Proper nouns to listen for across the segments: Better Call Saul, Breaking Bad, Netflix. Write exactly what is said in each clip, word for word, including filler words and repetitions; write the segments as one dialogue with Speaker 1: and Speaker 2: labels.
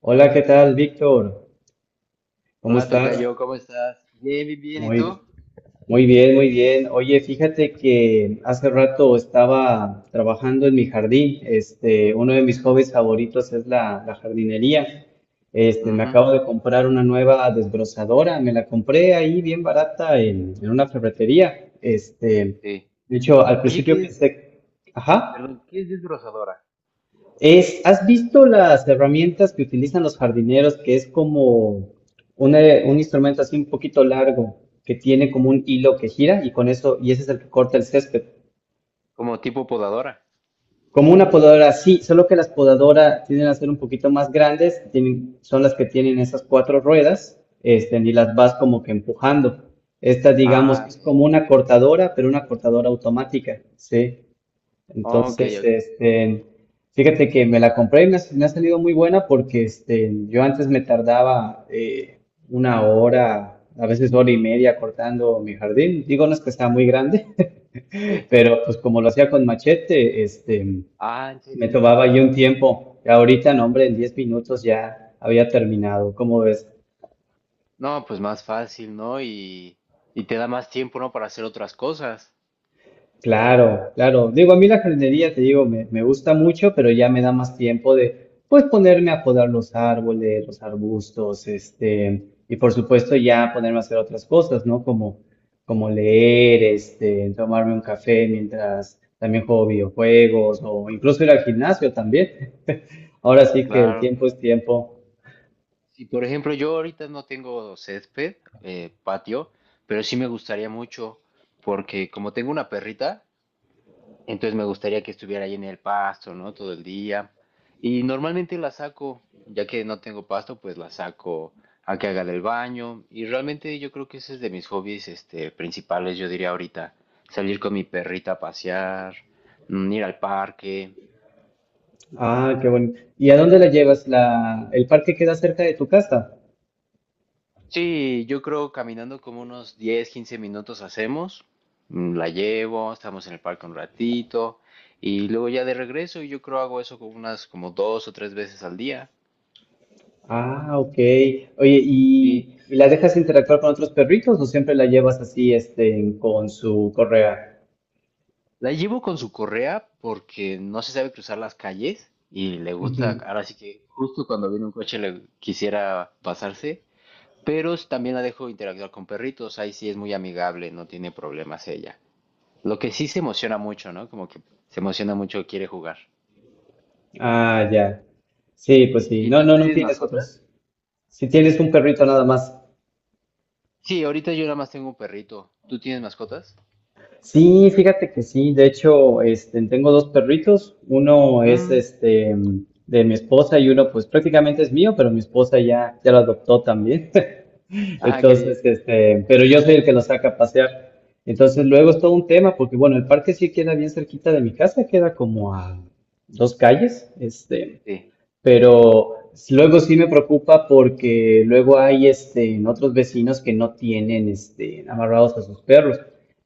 Speaker 1: Hola, ¿qué tal, Víctor? ¿Cómo
Speaker 2: Hola,
Speaker 1: estás?
Speaker 2: tocayo, ¿cómo estás? Bien, bien, bien, ¿y tú?
Speaker 1: Muy, muy bien, muy bien. Oye, fíjate que hace rato estaba trabajando en mi jardín. Este, uno de mis hobbies favoritos es la, la jardinería. Este, me
Speaker 2: Ujú,
Speaker 1: acabo de comprar una nueva desbrozadora. Me la compré ahí bien barata en, en una ferretería. Este,
Speaker 2: sí.
Speaker 1: de hecho, al
Speaker 2: Oye,
Speaker 1: principio
Speaker 2: ¿qué es?
Speaker 1: pensé, ajá.
Speaker 2: Perdón, ¿qué es desbrozadora?
Speaker 1: Es, ¿has visto las herramientas que utilizan los jardineros, que es como una- un instrumento así un poquito largo, que tiene como un hilo que gira y con eso, y ese es el que corta el césped?
Speaker 2: Como tipo podadora.
Speaker 1: Como una podadora, sí, solo que las podadoras tienden a ser un poquito más grandes, tienen, son las que tienen esas cuatro ruedas, este, y las vas como que empujando. Esta, digamos,
Speaker 2: Ah,
Speaker 1: que es
Speaker 2: ok.
Speaker 1: como una cortadora, pero una cortadora automática, ¿sí?
Speaker 2: Ok,
Speaker 1: Entonces,
Speaker 2: ok.
Speaker 1: este, fíjate que me la compré y me ha, me ha salido muy buena porque este, yo antes me tardaba eh, una hora, a veces hora y media cortando mi jardín. Digo, no es que está muy grande,
Speaker 2: Sí.
Speaker 1: pero pues como lo hacía con machete, este,
Speaker 2: Ah, ¿en
Speaker 1: me
Speaker 2: serio?
Speaker 1: tomaba yo un tiempo. Y ahorita, no, hombre, en diez minutos ya había terminado. ¿Cómo ves?
Speaker 2: No, pues más fácil, ¿no? Y, y te da más tiempo, ¿no? Para hacer otras cosas.
Speaker 1: Claro, claro. Digo, a mí la jardinería, te digo, me, me gusta mucho, pero ya me da más tiempo de, pues, ponerme a podar los árboles, los arbustos, este, y por supuesto ya ponerme a hacer otras cosas, ¿no? Como, como leer, este, tomarme un café mientras también juego videojuegos o incluso ir al gimnasio también. Ahora sí que el
Speaker 2: Claro,
Speaker 1: tiempo es
Speaker 2: claro.
Speaker 1: tiempo.
Speaker 2: Sí, por ejemplo, yo ahorita no tengo césped, eh, patio, pero sí me gustaría mucho, porque como tengo una perrita, entonces me gustaría que estuviera ahí en el pasto, ¿no? Todo el día. Y normalmente la saco, ya que no tengo pasto, pues la saco a que haga del baño. Y realmente yo creo que ese es de mis hobbies, este, principales, yo diría ahorita. Salir con mi perrita a pasear, mm, ir al parque.
Speaker 1: Ah, qué bueno. ¿Y a dónde la llevas? La, ¿el parque queda cerca de tu casa?
Speaker 2: Sí, yo creo caminando como unos diez, quince minutos hacemos. Mm, La llevo, estamos en el parque un ratito. Y luego ya de regreso, y yo creo hago eso como unas como dos o tres veces al día.
Speaker 1: Ah, ok. Oye,
Speaker 2: Sí.
Speaker 1: ¿y, y la dejas interactuar con otros perritos o siempre la llevas así, este, con su correa?
Speaker 2: La llevo con su correa porque no se sabe cruzar las calles y le
Speaker 1: Ujú.
Speaker 2: gusta, ahora sí que justo cuando viene un coche le quisiera pasarse, pero también la dejo interactuar con perritos, ahí sí es muy amigable, no tiene problemas ella. Lo que sí se emociona mucho, ¿no? Como que se emociona mucho, quiere jugar.
Speaker 1: Ah, ya. Sí, pues sí.
Speaker 2: ¿Y
Speaker 1: No,
Speaker 2: tú
Speaker 1: no, no
Speaker 2: tienes
Speaker 1: tienes
Speaker 2: mascotas?
Speaker 1: otros. Si tienes un perrito nada más.
Speaker 2: Sí, ahorita yo nada más tengo un perrito. ¿Tú tienes mascotas?
Speaker 1: Sí, fíjate que sí. De hecho, este, tengo dos perritos. Uno es
Speaker 2: Mm.
Speaker 1: este de mi esposa y uno, pues prácticamente es mío, pero mi esposa ya, ya lo adoptó también.
Speaker 2: Ajá, qué
Speaker 1: Entonces,
Speaker 2: bien.
Speaker 1: este, pero yo soy el que la saca a pasear. Entonces, luego es todo un tema, porque bueno, el parque sí queda bien cerquita de mi casa, queda como a dos calles, este,
Speaker 2: Sí.
Speaker 1: pero luego sí me preocupa porque luego hay este, otros vecinos que no tienen este, amarrados a sus perros.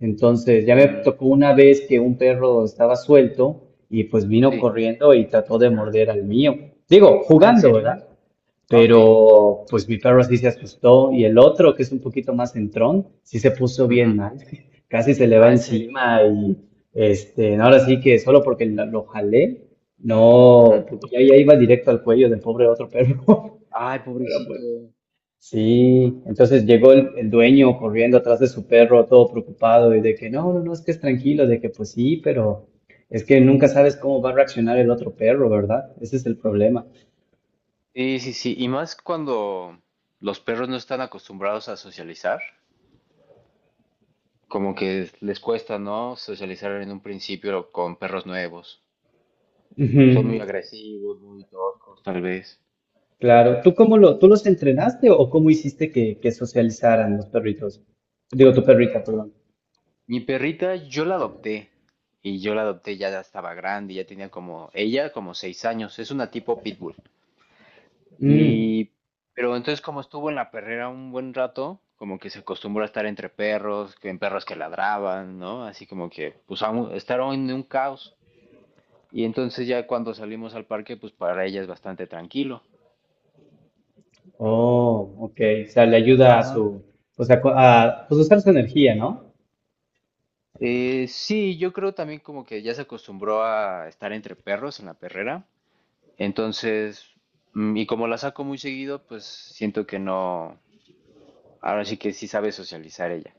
Speaker 1: Entonces, ya me
Speaker 2: Mm,
Speaker 1: tocó una vez que un perro estaba suelto y pues vino
Speaker 2: sí.
Speaker 1: corriendo y trató de morder al mío. Digo,
Speaker 2: Ah, ¿en
Speaker 1: jugando,
Speaker 2: serio?
Speaker 1: ¿verdad?
Speaker 2: Ah, ok.
Speaker 1: Pero pues mi perro sí se asustó y el otro, que es un poquito más centrón, sí se puso bien
Speaker 2: Ujú.
Speaker 1: mal. Casi se le va
Speaker 2: Ah, ¿en serio?
Speaker 1: encima y este, no, ahora sí que solo porque la- lo jalé, no,
Speaker 2: Ujú.
Speaker 1: porque ya, ya iba directo al cuello del pobre otro perro.
Speaker 2: Ay,
Speaker 1: Pero pues
Speaker 2: pobrecito.
Speaker 1: sí, entonces llegó el, el dueño corriendo atrás de su perro todo preocupado y de que no, no, no, es que es tranquilo, de que pues sí, pero es que nunca sabes cómo va a reaccionar el otro perro, ¿verdad? Ese es el problema.
Speaker 2: Sí, sí, sí. Y más cuando los perros no están acostumbrados a socializar, como que les cuesta, ¿no? Socializar en un principio con perros nuevos. Son muy
Speaker 1: Ujú.
Speaker 2: agresivos, muy toscos, tal vez.
Speaker 1: Claro, ¿tú cómo lo, tú los entrenaste o cómo hiciste que, que socializaran los perritos? Digo, tu perrita, perdón.
Speaker 2: Mi perrita, yo la adopté. Y yo la adopté, ya estaba grande, ya tenía como, ella como seis años. Es una tipo pitbull.
Speaker 1: Mm,
Speaker 2: Y, pero entonces como estuvo en la perrera un buen rato, como que se acostumbró a estar entre perros, que en perros que ladraban, ¿no? Así como que, pues, aún- estaron en un caos. Y entonces ya cuando salimos al parque, pues para ella es bastante tranquilo.
Speaker 1: oh, ok, o sea, le ayuda a
Speaker 2: Ajá.
Speaker 1: su, o sea, cu- a, pues usar su energía, ¿no?
Speaker 2: Eh, sí, yo creo también como que ya se acostumbró a estar entre perros en la perrera. Entonces, mm, y como la saco muy seguido, pues siento que no, ahora sí que sí sabe socializar ella.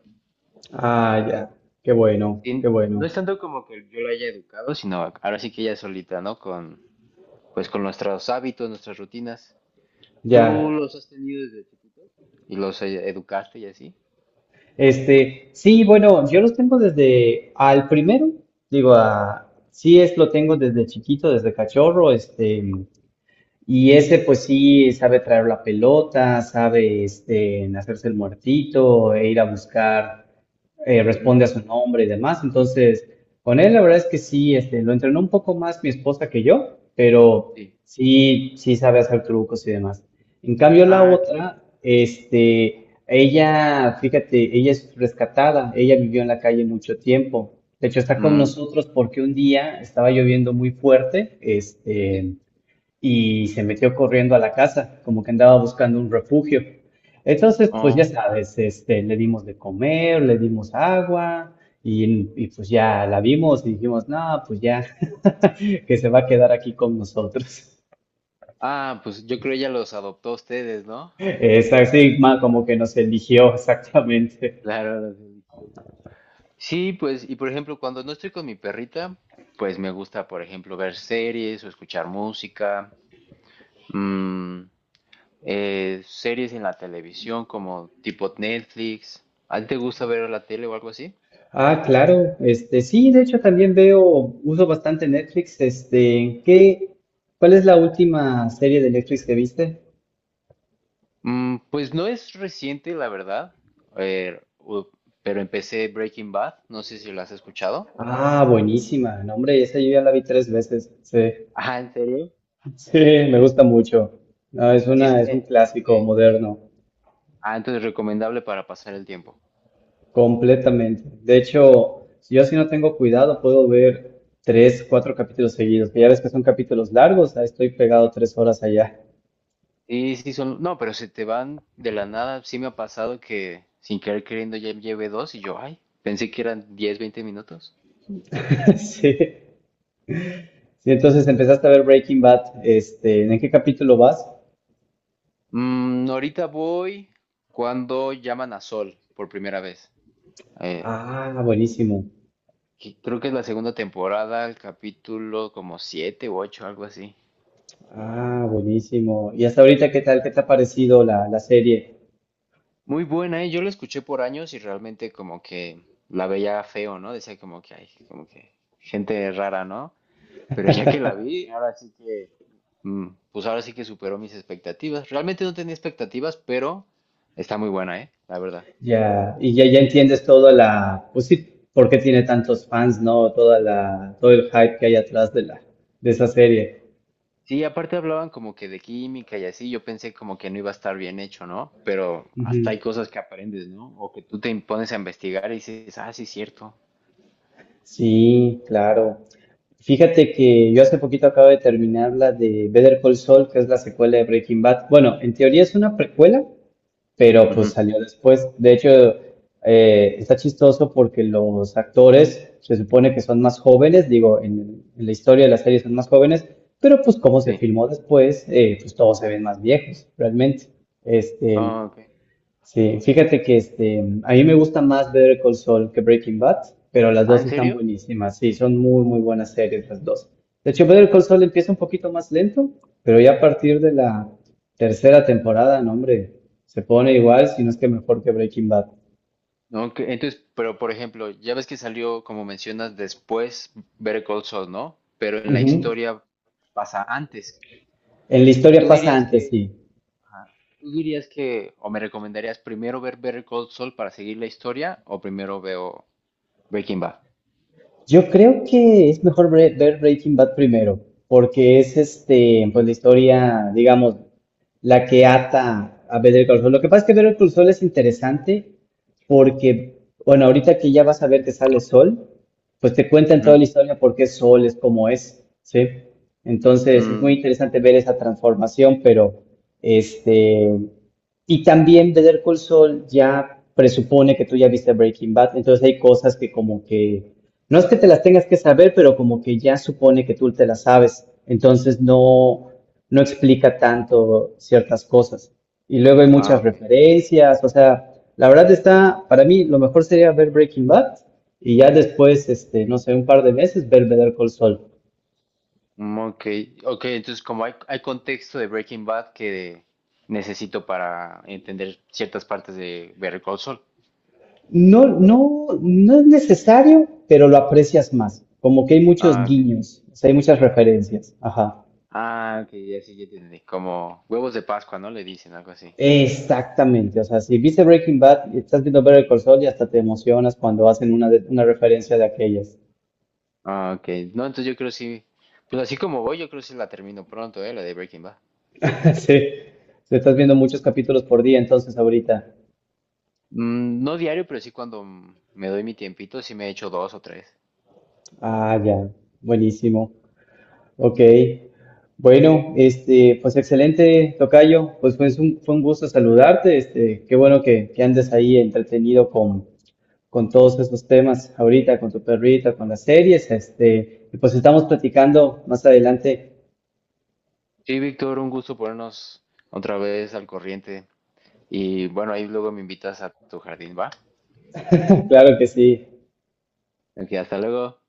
Speaker 1: Ah, ya, qué bueno, qué
Speaker 2: Sí, no
Speaker 1: bueno,
Speaker 2: es tanto como que yo la haya educado, sino ahora sí que ella solita, ¿no? Con, pues con nuestros hábitos, nuestras rutinas. ¿Tú
Speaker 1: ya.
Speaker 2: los has tenido desde chiquitos? ¿Y los eh, educaste y así?
Speaker 1: Este, sí, bueno, yo los tengo desde al primero, digo, a, sí es, lo tengo desde chiquito, desde cachorro, este. Y ese pues sí sabe traer la pelota, sabe este, hacerse el muertito e ir a buscar, eh, responde a
Speaker 2: Mm,
Speaker 1: su nombre y demás. Entonces, con él la verdad es que sí, este, lo entrenó un poco más mi esposa que yo, pero
Speaker 2: sí.
Speaker 1: sí, sí sabe hacer trucos y demás. En cambio, la
Speaker 2: Ah, qué bien.
Speaker 1: otra, este, ella, fíjate, ella es rescatada, ella vivió en la calle mucho tiempo. De hecho, está con
Speaker 2: Mm,
Speaker 1: nosotros porque un día estaba lloviendo muy fuerte,
Speaker 2: sí.
Speaker 1: este y se metió corriendo a la casa, como que andaba buscando un refugio. Entonces, pues ya
Speaker 2: Oh.
Speaker 1: sabes, este, le dimos de comer, le dimos agua y, y pues ya la vimos y dijimos, no, pues ya, que se va a quedar aquí con nosotros.
Speaker 2: Ah, pues yo creo ella los adoptó a ustedes, ¿no?
Speaker 1: Es así, ma- como que nos eligió exactamente.
Speaker 2: Claro, los eligió. Sí, pues, y por ejemplo, cuando no estoy con mi perrita, pues me gusta, por ejemplo, ver series o escuchar música. Mm, Eh, series en la televisión como tipo Netflix. ¿A ti te gusta ver la tele o algo así?
Speaker 1: Ah, claro, este, sí, de hecho también veo, uso bastante Netflix, este, ¿qué, cuál es la última serie de Netflix que viste?
Speaker 2: Mm, pues no es reciente, la verdad. Eh, u- pero empecé Breaking Bad. No sé si lo has escuchado.
Speaker 1: Ah, buenísima. No, hombre, esa yo ya la vi tres veces. Sí,
Speaker 2: Ah, ¿en serio?
Speaker 1: sí, me gusta mucho. No, es
Speaker 2: Sí,
Speaker 1: una,
Speaker 2: es-
Speaker 1: es un
Speaker 2: eh,
Speaker 1: clásico
Speaker 2: ok.
Speaker 1: moderno,
Speaker 2: Ah, entonces recomendable para pasar el tiempo.
Speaker 1: completamente. De hecho, si yo si no tengo cuidado, puedo ver tres, cuatro capítulos seguidos, que ya ves que son capítulos largos, ahí estoy pegado tres horas allá.
Speaker 2: Sí, sí, son. No, pero se te van de la nada. Sí me ha pasado que sin querer queriendo ya llevé dos y yo, ay, pensé que eran diez veinte minutos.
Speaker 1: Sí. Sí, entonces empezaste a ver Breaking Bad, este, ¿en qué capítulo vas?
Speaker 2: Mm, ahorita voy cuando llaman a Sol por primera vez. Eh,
Speaker 1: Ah, buenísimo.
Speaker 2: que- creo que es la segunda temporada, el capítulo como siete u ocho, algo así.
Speaker 1: Ah, buenísimo. ¿Y hasta ahorita qué tal? ¿Qué te ha parecido la, la serie?
Speaker 2: Muy buena, ¿eh? Yo la escuché por años y realmente como que la veía feo, ¿no? Decía como que hay, como que gente rara, ¿no? Pero ya que la vi, ahora sí que, mm, pues ahora sí que superó mis expectativas. Realmente no tenía expectativas, pero está muy buena, ¿eh? La verdad.
Speaker 1: Ya, y ya, ya entiendes toda la, pues sí, por qué tiene tantos fans, ¿no? Toda la, todo el hype que hay atrás de la, de esa serie.
Speaker 2: Sí, aparte hablaban como que de química y así, yo pensé como que no iba a estar bien hecho, ¿no? Pero
Speaker 1: Ujú.
Speaker 2: hasta hay cosas que aprendes, ¿no? O que tú te pones a investigar y dices, ah, sí, es cierto.
Speaker 1: Sí, claro. Fíjate que yo hace poquito acabo de terminar la de Better Call Saul, que es la secuela de Breaking Bad. Bueno, en teoría es una precuela, pero pues
Speaker 2: Ujú,
Speaker 1: salió después. De hecho, eh, está chistoso porque los actores se supone que son más jóvenes, digo, en, en la historia de la serie son más jóvenes, pero pues como se
Speaker 2: sí.
Speaker 1: filmó después, eh, pues todos se ven más viejos, realmente. Este,
Speaker 2: Ah, ok.
Speaker 1: Sí, fíjate que este, a mí me gusta más Better Call Saul que Breaking Bad, pero las
Speaker 2: Ah,
Speaker 1: dos
Speaker 2: ¿en
Speaker 1: están
Speaker 2: serio?
Speaker 1: buenísimas. Sí, son muy, muy buenas series las dos. De hecho, Better Call Saul empieza un poquito más lento, pero ya a partir de la tercera temporada, no, hombre, se pone igual, si no es que mejor que Breaking Bad.
Speaker 2: No, que- Entonces, pero por ejemplo, ya ves que salió, como mencionas, después Better Call Saul, ¿no? Pero en la
Speaker 1: Ujú.
Speaker 2: historia pasa antes.
Speaker 1: En la historia
Speaker 2: ¿Tú
Speaker 1: pasa
Speaker 2: dirías
Speaker 1: antes,
Speaker 2: que,
Speaker 1: sí.
Speaker 2: ajá, tú dirías que, o me recomendarías primero ver Better Call Saul para seguir la historia, o primero veo Breaking Bad?
Speaker 1: Yo creo que es mejor bre- ver Breaking Bad primero, porque es este, pues la historia, digamos, la que ata a Better Call Saul. Lo que pasa es que Better Call Saul es interesante porque, bueno, ahorita que ya vas a ver que sale Sol, pues te cuentan toda
Speaker 2: Ujú.
Speaker 1: la historia por qué Sol es como es, ¿sí? Entonces es muy
Speaker 2: Mm.
Speaker 1: interesante ver esa transformación, pero este, y también Better Call Saul ya presupone que tú ya viste Breaking Bad, entonces hay cosas que como que no es que te las tengas que saber, pero como que ya supone que tú te las sabes. Entonces
Speaker 2: Mm.
Speaker 1: no, no explica tanto ciertas cosas. Y luego hay
Speaker 2: Ah,
Speaker 1: muchas
Speaker 2: ok.
Speaker 1: referencias. O sea, la verdad está, para mí lo mejor sería ver Breaking Bad y ya después, este, no sé, un par de meses ver Better Call Saul.
Speaker 2: Mm, Ok, ok, entonces como hay, hay contexto de Breaking Bad que necesito para entender ciertas partes de Better Call Saul.
Speaker 1: No, no, no es necesario, pero lo aprecias más. Como que hay muchos
Speaker 2: Ah, ok.
Speaker 1: guiños, o sea, hay muchas referencias. Ajá.
Speaker 2: Ah, ok, ya sí, ya entendí. Como huevos de Pascua, ¿no? Le dicen algo así.
Speaker 1: Exactamente, o sea, si viste Breaking Bad y estás viendo Better Call Saul y hasta te emocionas cuando hacen una, de- una referencia de aquellas.
Speaker 2: Ah, ok. No, entonces yo creo sí. Pues así como voy, yo creo sí la termino pronto, ¿eh? La de Breaking Bad.
Speaker 1: Sí, si estás viendo muchos capítulos por día, entonces ahorita.
Speaker 2: Mm, no diario, pero sí cuando mm, me doy mi tiempito, sí me echo dos o tres.
Speaker 1: Ah, ya, buenísimo. Ok, bueno, este, pues excelente, Tocayo, pues fue un, fue un gusto saludarte, este, qué bueno que, que andes ahí entretenido con, con todos esos temas ahorita, con tu perrita, con las series, este, y pues estamos platicando más adelante,
Speaker 2: Sí, Víctor, un gusto ponernos otra vez al corriente. Y bueno, ahí luego me invitas a tu jardín, ¿va?
Speaker 1: claro que sí.
Speaker 2: Ok, hasta luego.